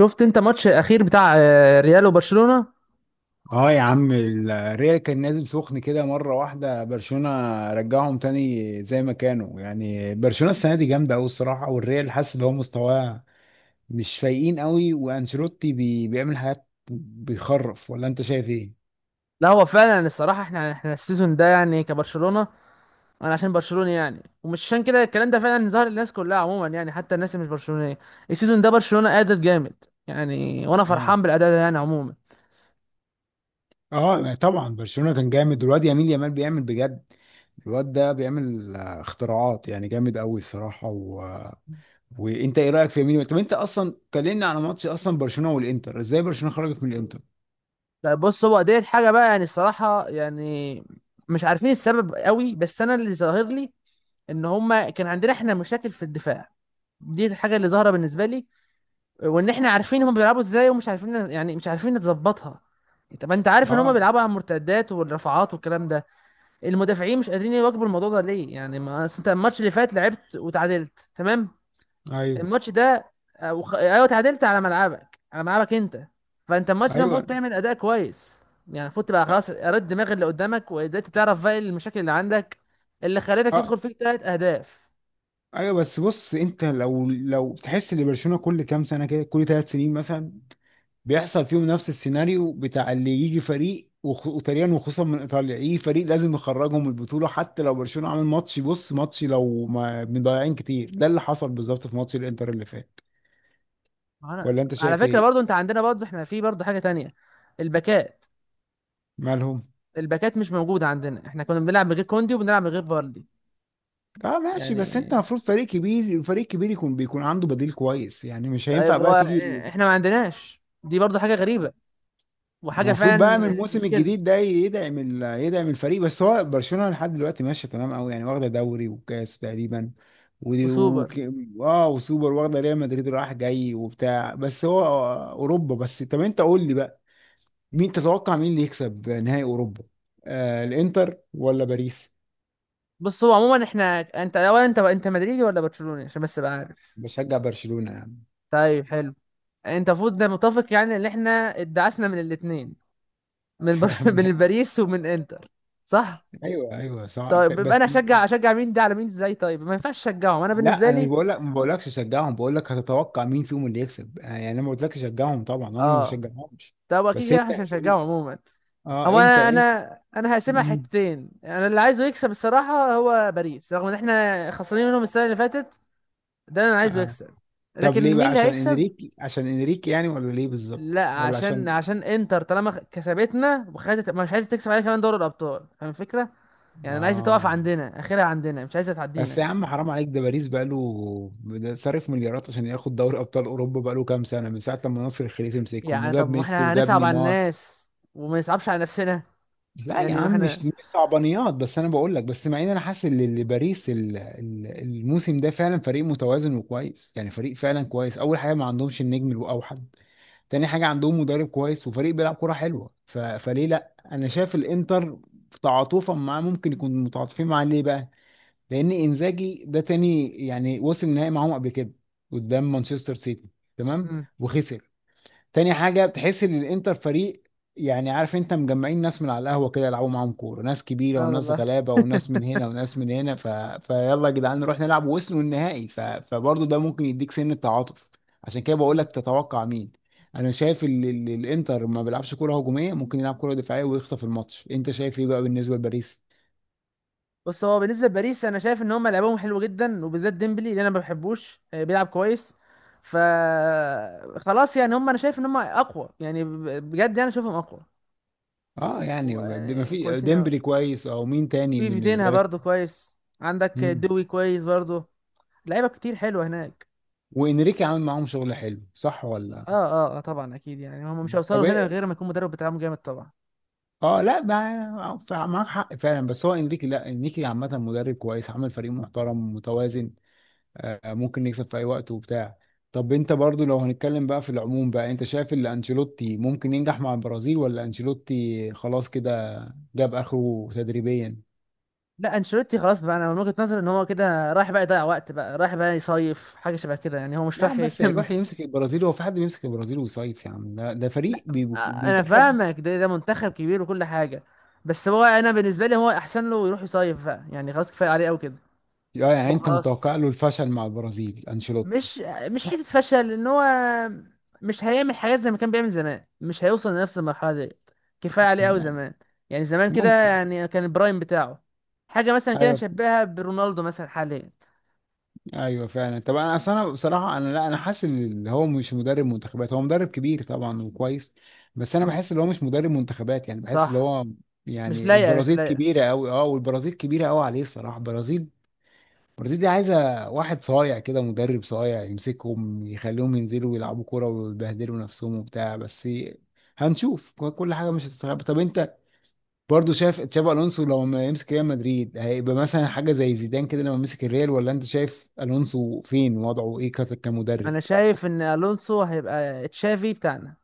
شفت انت ماتش الاخير بتاع ريال وبرشلونة. اه يا عم، الريال كان نازل سخن كده مرة واحدة. برشلونة رجعهم تاني زي ما كانوا. يعني برشلونة السنة دي جامدة أوي الصراحة، والريال حاسس إن هو مستواه مش فايقين أوي، وأنشيلوتي بيعمل حاجات بيخرف. ولا أنت شايف إيه؟ لا هو فعلا الصراحة احنا السيزون ده يعني كبرشلونة، انا عشان برشلوني يعني، ومش عشان كده الكلام ده فعلا ظهر للناس كلها عموما يعني، حتى الناس اللي مش برشلونية. السيزون ده برشلونة ادت جامد يعني، وانا اه. فرحان بالاداء ده يعني عموما. اه طبعا برشلونة كان جامد، والواد يمين يامال بيعمل بجد. الواد ده بيعمل اختراعات يعني جامد قوي الصراحه. و... وانت ايه رايك في يمين؟ طب انت اصلا كلمني على ماتش اصلا برشلونه والانتر، ازاي برشلونه خرجت من الانتر؟ لا بص، هو ديت حاجة بقى يعني الصراحة، يعني مش عارفين السبب قوي، بس انا اللي ظاهر لي ان هما كان عندنا احنا مشاكل في الدفاع. دي الحاجة اللي ظاهرة بالنسبة لي. وان احنا عارفين هم بيلعبوا ازاي ومش عارفين، يعني مش عارفين نظبطها. طب انت عارف ان هم اه. بيلعبوا على المرتدات والرفعات والكلام ده، المدافعين مش قادرين يواكبوا الموضوع ده ليه يعني؟ ما أصل انت الماتش اللي فات لعبت وتعادلت تمام. ايوه. الماتش ده ايوه، تعادلت على ملعبك، على ملعبك انت. فانت الماتش ده المفروض ايوه. تعمل اداء كويس، يعني المفروض تبقى خلاص رد دماغ اللي قدامك، وقدرت تعرف بقى المشاكل اللي عندك اللي خلتك اه. يدخل فيك 3 اهداف. ايوه، بس بص، انت لو تحس ان برشلونه كل كام سنه كده، كل ثلاث سنين مثلا، بيحصل فيهم نفس السيناريو بتاع اللي يجي فريق وتقريبا وخصوصا من ايطاليا يجي فريق لازم يخرجهم من البطوله، حتى لو برشلونه عامل ماتش بص ماتش لو ما مضيعين كتير. ده اللي حصل بالظبط في ماتش الانتر اللي فات. ولا انت على شايف فكرة ايه؟ برضو، انت عندنا برضو، احنا في برضو حاجة تانية: الباكات. مالهم؟ الباكات مش موجودة عندنا، احنا كنا بنلعب من غير كوندي وبنلعب من غير فاردي. اه ماشي، بس انت يعني المفروض فريق كبير، فريق كبير يكون عنده بديل كويس، يعني مش طيب، هينفع هو بقى تيجي. احنا ما عندناش، دي برضو حاجة غريبة وحاجة المفروض بقى من فعلا الموسم مشكلة. الجديد ده يدعم يدعم الفريق. بس هو برشلونة لحد دلوقتي ماشية تمام قوي، يعني واخدة دوري وكاس تقريبا. و... و... وسوبر. اه وسوبر، واخدة ريال مدريد رايح جاي وبتاع. بس هو اوروبا بس. طب انت قول لي بقى، مين تتوقع مين اللي يكسب نهائي اوروبا؟ الانتر ولا باريس؟ بص هو عموما احنا، انت اولا، انت مدريدي ولا برشلوني؟ عشان بس ابقى عارف. بشجع برشلونة يعني. طيب حلو. انت المفروض ده متفق يعني، ان احنا ادعسنا من الاثنين، من باريس ومن انتر. صح. ايوه ايوه صح، طيب يبقى انا بس اشجع، اشجع مين ده على مين ازاي؟ طيب ما ينفعش اشجعهم انا لا بالنسبه انا مش لي. بقول لك، ما بقولكش شجعهم، بقول لك هتتوقع مين فيهم اللي يكسب، يعني انا ما قلتلكش شجعهم، طبعا انا ما اه. بشجعهمش. طب اكيد بس كده احنا انت، مش هنشجعهم عموما. اه هو انت انا انت. انا انا هقسمها مم. حتتين. انا اللي عايزه يكسب الصراحه هو باريس، رغم ان احنا خسرانين منهم السنه اللي فاتت. ده انا عايزه آه. يكسب. طب لكن ليه بقى، مين اللي عشان هيكسب؟ انريكي؟ عشان انريكي يعني ولا ليه بالظبط؟ لا ولا عشان، عشان؟ عشان انتر طالما كسبتنا وخدت، مش عايزه تكسب علينا كمان دوري الابطال، فاهم الفكره؟ يعني انا عايزه تقف اه عندنا اخرها، عندنا مش عايزه تعدينا بس يا يعني. عم حرام عليك، ده باريس بقاله ده صرف مليارات عشان ياخد دوري ابطال اوروبا، بقاله كام سنه من ساعه لما نصر الخليفي مسكهم يعني طب وجاب ما ميسي احنا وجاب هنصعب على نيمار. الناس، وما نصعبش على نفسنا. لا يا يعني ما عم، احنا. مش صعبانيات، بس انا بقول لك، بس مع ان انا حاسس ان باريس الموسم ده فعلا فريق متوازن وكويس، يعني فريق فعلا كويس. اول حاجه ما عندهمش النجم الاوحد، تاني حاجة عندهم مدرب كويس وفريق بيلعب كرة حلوة. فليه لا، انا شايف الانتر تعاطفا معاه، ممكن يكون متعاطفين معاه. ليه بقى؟ لان انزاجي ده تاني يعني وصل النهائي معاهم قبل كده قدام مانشستر سيتي، تمام، مم. وخسر. تاني حاجة بتحس ان الانتر فريق، يعني عارف انت، مجمعين ناس من على القهوة كده يلعبوا معاهم كورة، ناس كبيرة اه وناس والله. غلابة وناس من هنا وناس من هنا. فيلا يا جدعان نروح نلعب، ووصلوا النهائي. فبرضه ده ممكن يديك سن التعاطف، عشان كده بقول لك تتوقع مين. انا شايف الانتر ما بيلعبش كورة هجومية، ممكن يلعب كورة دفاعية ويخطف الماتش. انت شايف ايه بقى بالنسبة لباريس؟ بص هو بالنسبه لباريس، انا شايف ان هم لعبهم حلو جدا، وبالذات ديمبلي اللي انا ما بحبوش، بيلعب كويس. ف خلاص يعني هم، انا شايف ان هم اقوى يعني، بجد يعني شايفهم اقوى. اه يعني، و- ما يعني في كويسين قوي. ديمبلي كويس او مين تاني في فيتينها بالنسبة لك؟ برضو كويس، عندك مم. دوي كويس برضو. لعيبه كتير حلوه هناك. وانريكي عامل معاهم شغل حلو، صح ولا؟ اه اه اه طبعا اكيد، يعني هم مش هيوصلوا طب هنا غير ما يكون مدرب بتاعهم جامد طبعا. اه لا، معاك حق فعلا. بس هو انريكي، لا انريكي عامة مدرب كويس، عامل فريق محترم متوازن، آه ممكن يكسب في اي وقت وبتاع. طب انت برضو، لو هنتكلم بقى في العموم بقى، انت شايف ان انشيلوتي ممكن ينجح مع البرازيل ولا انشيلوتي خلاص كده جاب اخره تدريبيا؟ لا، انشيلوتي خلاص بقى، انا من وجهة نظري ان هو كده رايح بقى يضيع وقت، بقى رايح بقى يصيف، حاجه شبه كده يعني، هو مش يا رايح عم بس يكمل. هيروح يمسك البرازيل، هو في حد بيمسك البرازيل ويصيف؟ يا عم ده، ده لا فريق انا منتخب. فاهمك، ده ده منتخب كبير وكل حاجه، بس هو انا بالنسبه لي، هو احسن له يروح يصيف بقى يعني، خلاص كفايه عليه قوي كده. اه يعني هو انت خلاص، متوقع له الفشل مع البرازيل انشيلوتي؟ مش، مش حته فشل، ان هو مش هيعمل حاجات زي ما كان بيعمل زمان، مش هيوصل لنفس المرحله دي. كفايه عليه قوي يعني زمان. يعني زمان كده ممكن. يعني، كان البرايم بتاعه. حاجه مثلا كده ايوه نشبهها برونالدو مثلا حاليا. ايوه فعلا. طب انا اصل انا بصراحه انا، لا انا حاسس ان اللي هو مش مدرب منتخبات، هو مدرب كبير طبعا وكويس، بس انا مم. بحس ان هو مش مدرب منتخبات، يعني بحس ان صح. هو، مش يعني لايقه، مش البرازيل لايقه. كبيره قوي، اه والبرازيل كبيره قوي عليه الصراحه. البرازيل، البرازيل دي عايزه واحد صايع كده، مدرب صايع يمسكهم يخليهم ينزلوا يلعبوا كوره ويبهدلوا نفسهم وبتاع بس. هنشوف، كل حاجه مش هتستغرب. طب انت برضه شايف تشابي الونسو لو ما يمسك ريال مدريد هيبقى مثلا حاجه زي زيدان كده لما مسك الريال، ولا انت شايف الونسو فين وضعه، ايه كمدرب؟ انا شايف ان الونسو هيبقى تشافي بتاعنا.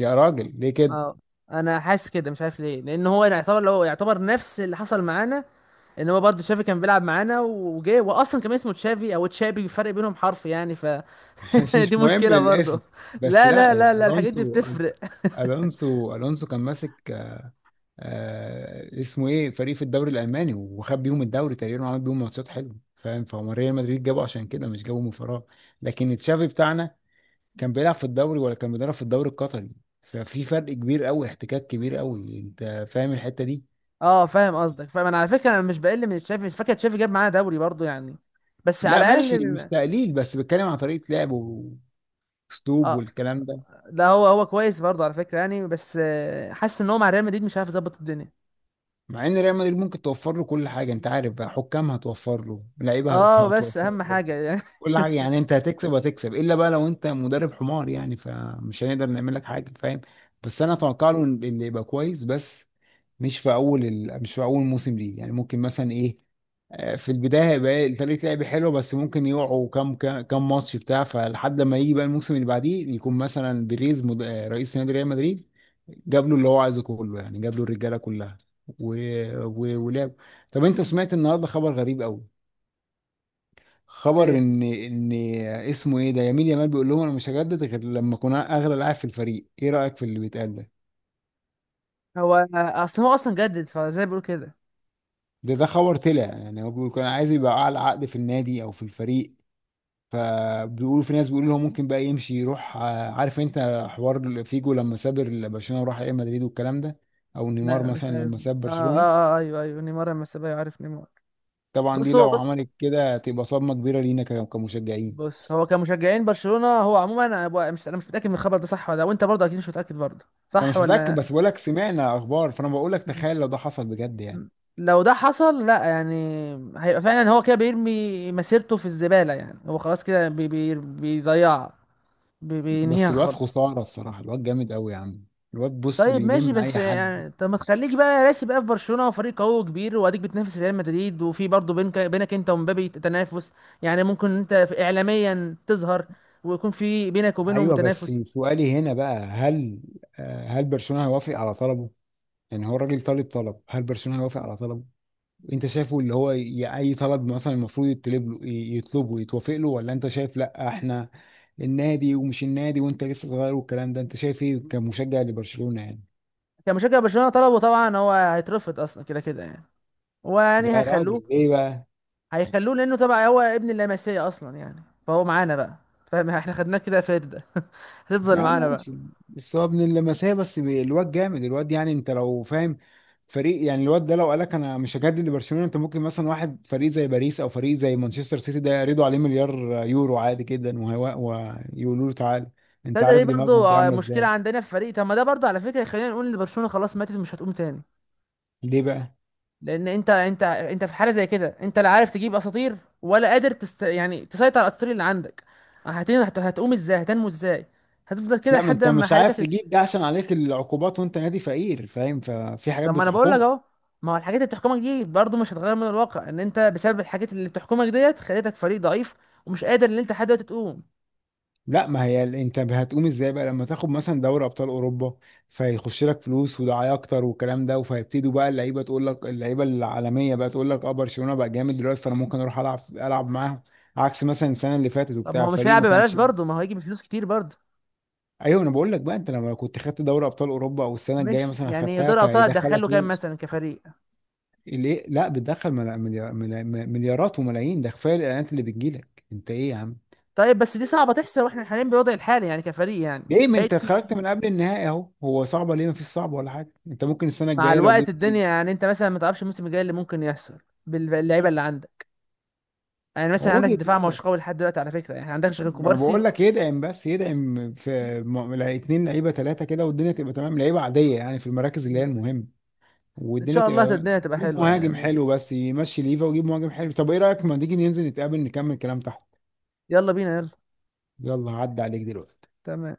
يا راجل ليه كده؟ اه، انا حاسس كده مش عارف ليه، لان هو يعتبر، لو يعتبر نفس اللي حصل معانا، ان هو برضه تشافي كان بيلعب معانا وجه، واصلا كان اسمه تشافي او تشابي، فرق بينهم حرف يعني. مش فدي مهم مشكله الاسم. برضه. بس لا لا لا لا لا، الحاجات دي الونسو، بتفرق. الونسو الونسو كان ماسك آه اسمه ايه فريق في الدوري الالماني، وخد بيهم الدوري تقريبا وعمل بيهم ماتشات حلوه، فاهم؟ فهو ريال مدريد جابه عشان كده، مش جابه من فراغ. لكن تشافي بتاعنا كان بيلعب في الدوري، ولا كان بيدرب في الدوري القطري؟ ففي فرق كبير قوي، احتكاك كبير قوي، انت فاهم الحتة دي. اه فاهم قصدك، فاهم، انا على فكره انا مش بقل من تشافي، مش فاكر تشافي جاب معانا دوري برضه يعني، بس لا على ماشي مش الاقل. تقليل، بس بتكلم عن طريقة لعب واسلوب اه. والكلام ده. ده هو هو كويس برضه على فكره يعني، بس حاسس ان هو مع ريال مدريد مش عارف يظبط الدنيا. مع ان ريال مدريد ممكن توفر له كل حاجة، انت عارف بقى، حكام هتوفر له، لعيبة اه بس هتوفر اهم له حاجه يعني. كل حاجة، يعني انت هتكسب هتكسب، الا بقى لو انت مدرب حمار يعني، فمش هنقدر نعمل لك حاجة، فاهم؟ بس انا اتوقع له إن يبقى كويس، بس مش في اول مش في اول موسم ليه، يعني ممكن مثلا ايه، في البدايه هيبقى طريقه لعب حلوه بس ممكن يقعوا كام ماتش بتاع، فلحد ما يجي بقى الموسم اللي بعديه، يكون مثلا بيريز مد... آه، رئيس نادي ريال مدريد جاب له اللي هو عايزه كله، يعني جاب له الرجاله كلها، و... و... ولعب. طب انت سمعت النهارده خبر غريب قوي، خبر ايه؟ ان اسمه ايه ده يمين يامال بيقول لهم انا مش هجدد غير لما اكون اغلى لاعب في الفريق، ايه رايك في اللي بيتقال ده؟ هو اصل هو اصلا جدد، فزي ما بيقول كده. ده خبر طلع يعني، هو بيقول كان عايز يبقى اعلى عقد في النادي او في الفريق، فبيقولوا في ناس بيقولوا هو ممكن بقى يمشي يروح، عارف انت حوار فيجو لما ساب برشلونة وراح ريال مدريد والكلام ده، او نيمار لا مثلا مش عارف. لما ساب اه برشلونة. اه، آه ايوه ايوه، نيمار لما سابها عارف نيمار. طبعا بص دي هو، لو بص، عملت كده تبقى صدمة كبيرة لينا كمشجعين. بص هو كمشجعين برشلونة، هو عموما انا مش، انا مش متأكد من الخبر ده صح ولا لا، وانت برضه اكيد مش متأكد برضه انا صح مش متأكد، ولا. بس بقول لك سمعنا اخبار، فانا بقول لك مم. تخيل لو ده حصل بجد يعني. مم. لو ده حصل، لا يعني، هيبقى فعلا هو كده بيرمي مسيرته في الزبالة، يعني هو خلاص كده بي بيضيعها، بينهيها بس الواد خالص. خسارة الصراحة، الواد جامد قوي يا عم، الواد بص طيب ماشي، بيلم بس اي حد. يعني طب ما تخليك بقى راسي بقى في برشلونه وفريق قوي وكبير، واديك بتنافس ريال مدريد، وفي برضه بينك انت ومبابي تنافس. يعني ممكن انت اعلاميا تظهر، ويكون في بينك وبينهم ايوه بس تنافس. سؤالي هنا بقى، هل هل برشلونه هيوافق على طلبه؟ يعني هو الراجل طالب طلب، هل برشلونه هيوافق على طلبه؟ انت شايفه اللي هو اي طلب مثلا المفروض يطلب له يطلبه يتوافق له، ولا انت شايف لا احنا النادي ومش النادي وانت لسه صغير والكلام ده؟ انت شايف ايه كمشجع لبرشلونه يعني؟ كمشجع برشلونه، طلبه طبعا هو هيترفض اصلا كده كده يعني، ويعني يا هيخلوه. راجل ليه بقى؟ هيخلوه لانه طبعا هو ابن اللمسيه اصلا يعني، فهو معانا بقى، فاهم؟ احنا خدناه كده فرده. هتفضل لا معانا بقى. ماشي، بس هو ابن اللمسيه بس الواد جامد، الواد يعني انت لو فاهم فريق، يعني الواد ده لو قالك انا مش هجدد لبرشلونه، انت ممكن مثلا واحد فريق زي باريس او فريق زي مانشستر سيتي ده يرضوا عليه مليار يورو عادي جدا، وهو ويقولوا له تعالى، ده انت عارف دي دماغهم دي برضه عامله مشكله ازاي. عندنا في الفريق. طب ما ده برضه على فكره، خلينا نقول ان برشلونه خلاص ماتت، مش هتقوم تاني. ليه بقى؟ لان انت، انت في حاله زي كده، انت لا عارف تجيب اساطير، ولا قادر يعني تسيطر على الاساطير اللي عندك. هتقوم ازاي؟ هتنمو ازاي؟ هتفضل كده لا ما لحد انت ما مش حياتك عارف تجيب ده عشان عليك العقوبات وانت نادي فقير، فاهم؟ ففي حاجات طب ما انا بقول لك بتحكمك. اهو. ما هو الحاجات اللي بتحكمك دي برضه مش هتغير من الواقع، ان انت بسبب الحاجات اللي بتحكمك ديت خليتك فريق ضعيف ومش قادر ان انت لحد دلوقتي تقوم. لا ما هي انت هتقوم ازاي بقى لما تاخد مثلا دوري ابطال اوروبا، فيخش لك فلوس ودعايه اكتر والكلام ده، وفيبتدوا بقى اللعيبه تقول لك، اللعيبه العالميه بقى تقول لك اه برشلونه بقى جامد دلوقتي، فانا ممكن اروح العب معاهم، عكس مثلا السنه اللي فاتت طب ما وبتاع هو مش فريق هيلعب ما ببلاش كانش. برضه، ما هو هيجي بفلوس كتير برضه. ايوه انا بقول لك بقى، انت لما كنت خدت دوري ابطال اوروبا او السنه الجايه مش مثلا يعني خدتها، دور الابطال فهيدخلك هتدخله كام فلوس. مثلا كفريق؟ ليه لا، بتدخل مليارات وملايين، ده كفايه الاعلانات اللي بتجيلك. انت ايه يا عم، طيب بس دي صعبه تحصل واحنا حاليا بالوضع الحالي يعني كفريق يعني. ليه، ما فهي انت دي المشكله، خرجت من قبل النهائي اهو، هو صعبه ليه؟ ما فيش صعب ولا حاجه، انت ممكن السنه مع الجايه لو الوقت جبت ايه. الدنيا يعني، انت مثلا ما تعرفش الموسم الجاي اللي ممكن يحصل باللعيبه اللي عندك. يعني مثلا هو عندك وجهه الدفاع ما هوش نظر، قوي لحد دلوقتي على فكره يعني، عندكش غير ما انا كوبارسي. بقول لك يدعم، بس يدعم في اتنين لعيبه ثلاثه كده والدنيا تبقى تمام، لعيبه عاديه يعني في المراكز اللي هي مم. المهمه، ان والدنيا شاء الله تبقى. الدنيا تبقى يجيب حلوه يعني مهاجم عموما. حلو، بس يمشي ليفا ويجيب مهاجم حلو. طب ايه رايك ما تيجي ننزل نتقابل نكمل كلام تحت؟ يلا بينا يلا. يلا عدى عليك دلوقتي. تمام.